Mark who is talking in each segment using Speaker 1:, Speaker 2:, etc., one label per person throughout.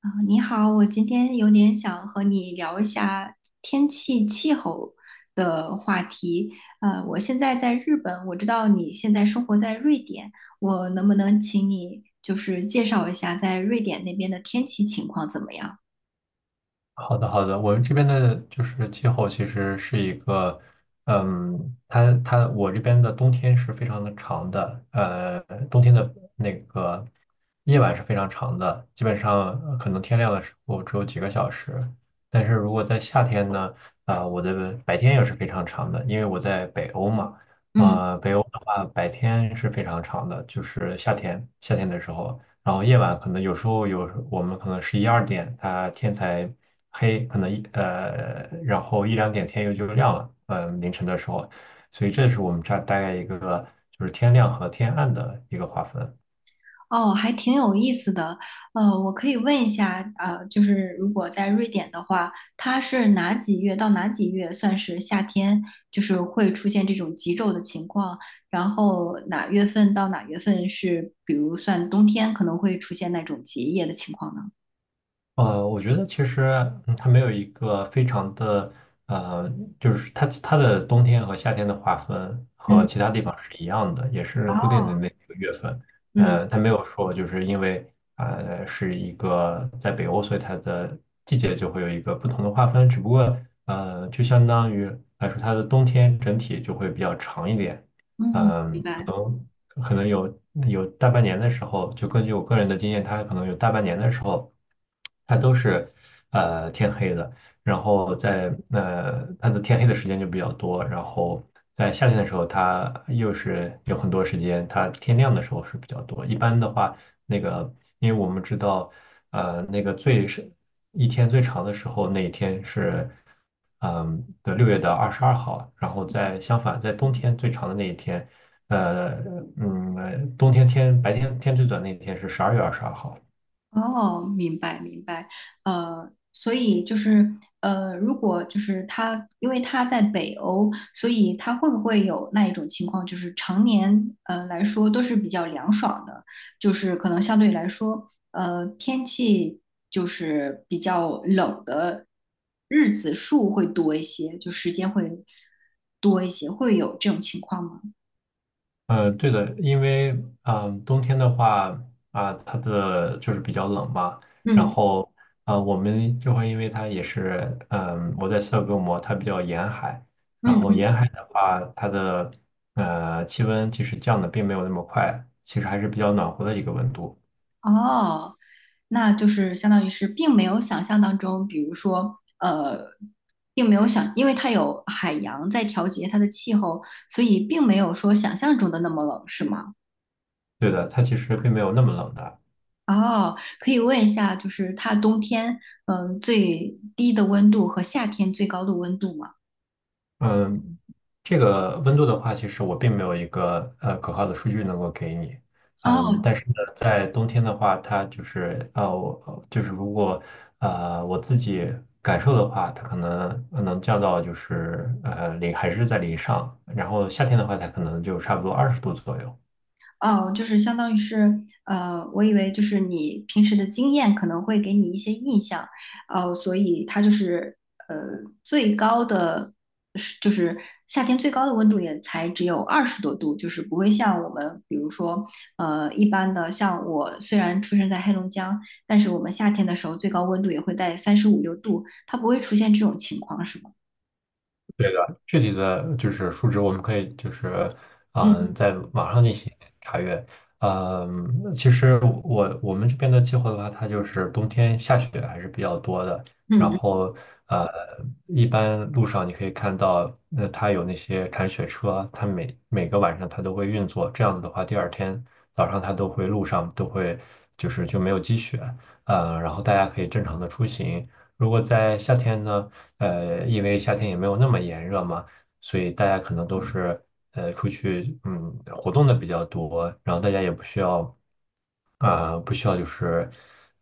Speaker 1: 啊，你好，我今天有点想和你聊一下天气气候的话题。我现在在日本，我知道你现在生活在瑞典，我能不能请你就是介绍一下在瑞典那边的天气情况怎么样？
Speaker 2: 好的，好的，我们这边的就是气候其实是一个，它我这边的冬天是非常的长的，冬天的那个夜晚是非常长的，基本上可能天亮的时候只有几个小时。但是如果在夏天呢，我的白天也是非常长的，因为我在北欧嘛。
Speaker 1: 嗯。
Speaker 2: 北欧的话白天是非常长的，就是夏天的时候。然后夜晚可能有时候有我们可能11、12点，它天才黑，可能一呃，然后1、2点天又就亮了，凌晨的时候，所以这是我们这儿大概一个就是天亮和天暗的一个划分。
Speaker 1: 哦，还挺有意思的。我可以问一下，就是如果在瑞典的话，它是哪几月到哪几月算是夏天，就是会出现这种极昼的情况？然后哪月份到哪月份是，比如算冬天可能会出现那种结夜的情况呢？
Speaker 2: 我觉得其实它没有一个非常的，呃，就是它的冬天和夏天的划分和
Speaker 1: 嗯
Speaker 2: 其他地方是一样的，也是固
Speaker 1: 哦，
Speaker 2: 定的那几个月份。
Speaker 1: 嗯
Speaker 2: 它没有说就是因为是一个在北欧，所以它的季节就会有一个不同的划分。只不过就相当于来说，它的冬天整体就会比较长一点。
Speaker 1: 嗯，明
Speaker 2: 嗯，可
Speaker 1: 白。
Speaker 2: 能。可能有大半年的时候，就根据我个人的经验，它可能有大半年的时候，它都是天黑的，然后在它的天黑的时间就比较多。然后在夏天的时候，它又是有很多时间，它天亮的时候是比较多。一般的话，那个因为我们知道，那个最深一天最长的时候，那一天是6月的22号，然后在相反，在冬天最长的那一天，呃冬天白天最短那一天是12月22号。
Speaker 1: 哦，明白明白，所以就是如果就是他，因为他在北欧，所以他会不会有那一种情况，就是常年来说都是比较凉爽的，就是可能相对来说，天气就是比较冷的日子数会多一些，就时间会多一些，会有这种情况吗？
Speaker 2: 对的，因为冬天的话，它的就是比较冷嘛。然
Speaker 1: 嗯
Speaker 2: 后我们就会因为它也是，我在斯德哥尔摩，它比较沿海。然后
Speaker 1: 嗯。
Speaker 2: 沿海的话，它的气温其实降的并没有那么快，其实还是比较暖和的一个温度。
Speaker 1: 哦，那就是相当于是并没有想象当中，比如说，并没有想，因为它有海洋在调节它的气候，所以并没有说想象中的那么冷，是吗？
Speaker 2: 对的，它其实并没有那么冷的。
Speaker 1: 哦，可以问一下，就是它冬天，最低的温度和夏天最高的温度吗？
Speaker 2: 嗯，这个温度的话，其实我并没有一个可靠的数据能够给你。嗯，
Speaker 1: 哦，
Speaker 2: 但是呢，在冬天的话，它就是，我就是如果我自己感受的话，它可能能降到就是零还是在零上。然后夏天的话，它可能就差不多20度左右。
Speaker 1: 哦，就是相当于是，我以为就是你平时的经验可能会给你一些印象，哦，所以它就是呃最高的是，就是夏天最高的温度也才只有20多度，就是不会像我们比如说一般的，像我虽然出生在黑龙江，但是我们夏天的时候最高温度也会在三十五六度，它不会出现这种情况，是吗？
Speaker 2: 对的，具体的就是数值，我们可以就是
Speaker 1: 嗯
Speaker 2: 在网上进行查阅。其实我们这边的气候的话，它就是冬天下雪还是比较多的。然
Speaker 1: 嗯嗯
Speaker 2: 后呃，一般路上你可以看到，那它有那些铲雪车，它每个晚上它都会运作。这样子的话，第二天早上它都会路上都会就是就没有积雪，然后大家可以正常的出行。如果在夏天呢？因为夏天也没有那么炎热嘛，所以大家可能都是出去活动的比较多。然后大家也不需要，不需要就是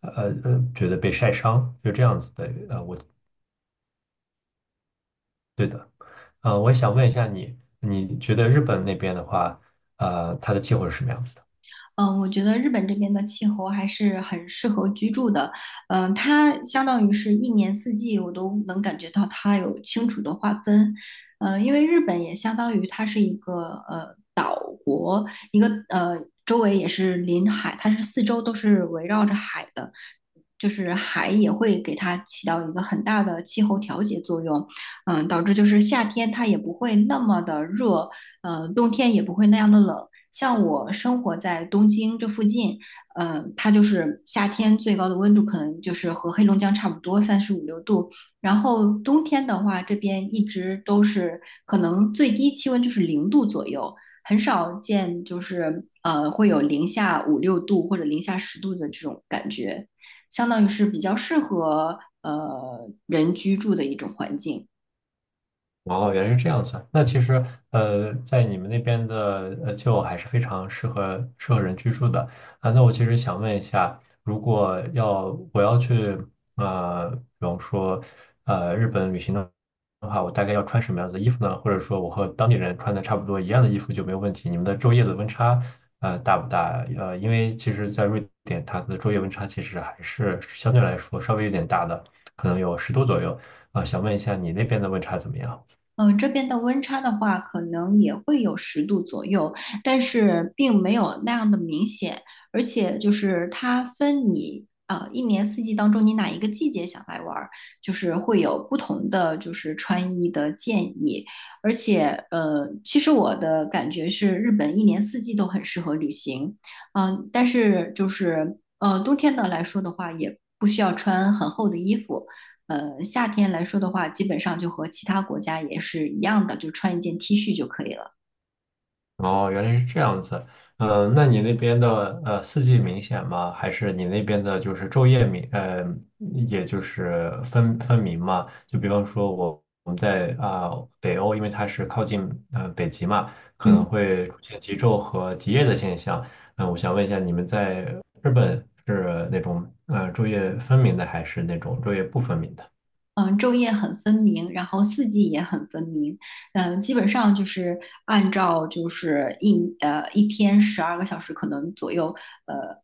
Speaker 2: 呃觉得被晒伤，就这样子的。呃对的。我想问一下你，你觉得日本那边的话，它的气候是什么样子的？
Speaker 1: 嗯，我觉得日本这边的气候还是很适合居住的。嗯，它相当于是一年四季，我都能感觉到它有清楚的划分。嗯，因为日本也相当于它是呃一个，周围也是临海，它是四周都是围绕着海的，就是海也会给它起到一个很大的气候调节作用，导致就是夏天它也不会那么的热，冬天也不会那样的冷。像我生活在东京这附近，它就是夏天最高的温度可能就是和黑龙江差不多，三十五六度。然后冬天的话，这边一直都是可能最低气温就是0度左右，很少见，就是会有零下五六度或者零下10度的这种感觉，相当于是比较适合人居住的一种环境。
Speaker 2: 哦，原来是这样子啊。那其实，在你们那边的旧还是非常适合人居住的啊。那我其实想问一下，如果要我要去比方说日本旅行的话，我大概要穿什么样子的衣服呢？或者说我和当地人穿的差不多一样的衣服就没有问题？你们的昼夜的温差大不大？因为其实，在瑞典，它的昼夜温差其实还是相对来说稍微有点大的，可能有十度左右啊。想问一下你那边的温差怎么样？
Speaker 1: 嗯，这边的温差的话，可能也会有10度左右，但是并没有那样的明显。而且就是它分你啊，一年四季当中，你哪一个季节想来玩儿，就是会有不同的就是穿衣的建议。而且其实我的感觉是，日本一年四季都很适合旅行。但是就是冬天的来说的话，也不需要穿很厚的衣服。夏天来说的话，基本上就和其他国家也是一样的，就穿一件 T 恤就可以了。
Speaker 2: 哦，原来是这样子。那你那边的四季明显吗？还是你那边的就是昼夜明呃，也就是分明嘛？就比方说我们在，北欧，因为它是靠近北极嘛，可能
Speaker 1: 嗯。
Speaker 2: 会出现极昼和极夜的现象。我想问一下，你们在日本是那种昼夜分明的，还是那种昼夜不分明的？
Speaker 1: 嗯，昼夜很分明，然后四季也很分明。嗯，基本上就是按照就是一天12个小时可能左右，呃，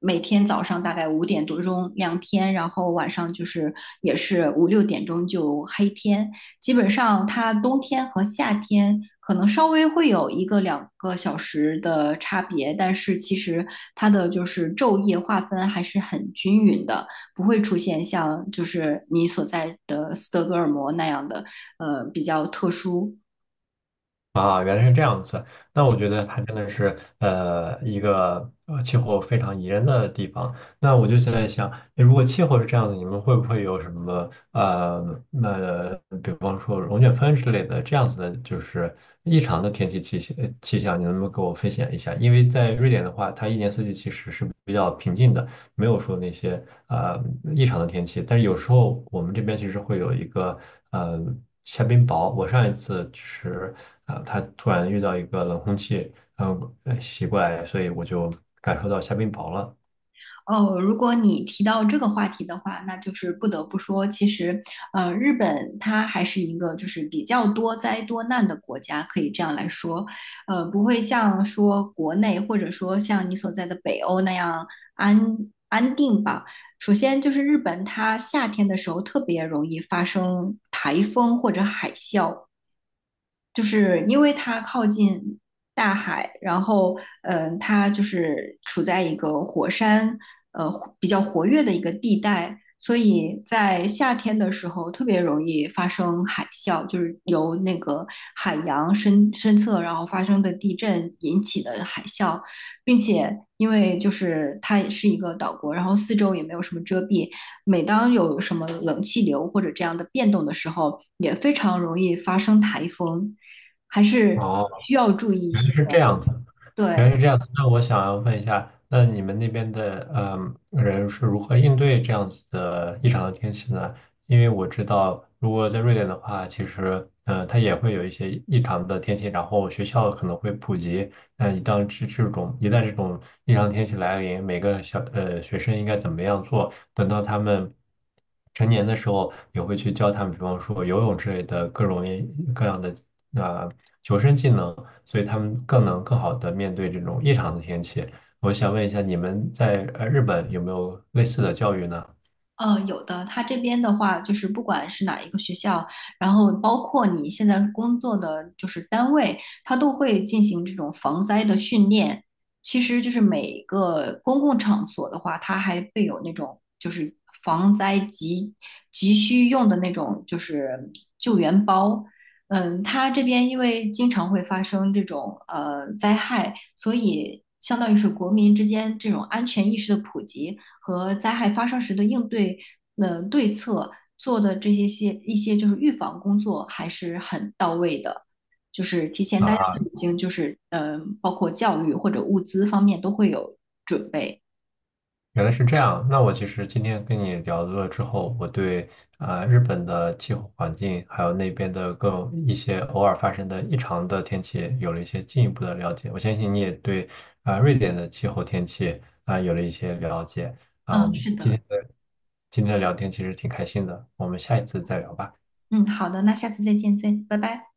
Speaker 1: 每天早上大概五点多钟亮天，然后晚上就是也是五六点钟就黑天。基本上它冬天和夏天可能稍微会有一个两个小时的差别，但是其实它的就是昼夜划分还是很均匀的。不会出现像就是你所在的斯德哥尔摩那样的比较特殊。
Speaker 2: 啊，原来是这样子。那我觉得它真的是一个气候非常宜人的地方。那我就现在想，诶如果气候是这样子，你们会不会有什么，比方说龙卷风之类的这样子的，就是异常的天气，气象，你能不能给我分享一下？因为在瑞典的话，它一年四季其实是比较平静的。没有说那些异常的天气，但是有时候我们这边其实会有一个呃下冰雹。我上一次就是，它突然遇到一个冷空气，奇怪，所以我就感受到下冰雹了。
Speaker 1: 哦，如果你提到这个话题的话，那就是不得不说，其实，日本它还是一个就是比较多灾多难的国家，可以这样来说，不会像说国内或者说像你所在的北欧那样安安定吧。首先就是日本，它夏天的时候特别容易发生台风或者海啸，就是因为它靠近大海，然后它就是处在一个火山呃比较活跃的一个地带，所以在夏天的时候特别容易发生海啸，就是由那个海洋深深侧然后发生的地震引起的海啸，并且因为就是它也是一个岛国，然后四周也没有什么遮蔽，每当有什么冷气流或者这样的变动的时候，也非常容易发生台风。还是需要注意一
Speaker 2: 原来
Speaker 1: 些的。
Speaker 2: 是这样子，原
Speaker 1: 对，
Speaker 2: 来是这样子。那我想要问一下，那你们那边的人是如何应对这样子的异常的天气呢？因为我知道，如果在瑞典的话，其实它也会有一些异常的天气，然后学校可能会普及。那一旦这种异常天气来临，每个学生应该怎么样做？等到他们成年的时候，也会去教他们，比方说游泳之类的各种各样的呃求生技能。所以他们更能更好的面对这种异常的天气。我想问一下，你们在日本有没有类似的教育呢？
Speaker 1: 有的，他这边的话，就是不管是哪一个学校，然后包括你现在工作的就是单位，他都会进行这种防灾的训练。其实就是每个公共场所的话，它还会有那种就是防灾急需用的那种就是救援包，嗯，它这边因为经常会发生这种灾害，所以相当于是国民之间这种安全意识的普及和灾害发生时的应对，对策做的这些些一些就是预防工作还是很到位的，就是提前
Speaker 2: 啊
Speaker 1: 大家都
Speaker 2: 哈，
Speaker 1: 已经就是包括教育或者物资方面都会有准备。
Speaker 2: 原来是这样。那我其实今天跟你聊了之后，我对日本的气候环境，还有那边的更一些偶尔发生的异常的天气，有了一些进一步的了解。我相信你也对瑞典的气候天气啊有了一些了解。啊，
Speaker 1: 嗯，是
Speaker 2: 今
Speaker 1: 的，
Speaker 2: 天的今天的聊天其实挺开心的，我们下一次再聊吧。
Speaker 1: 嗯，好的，那下次再见，再拜拜。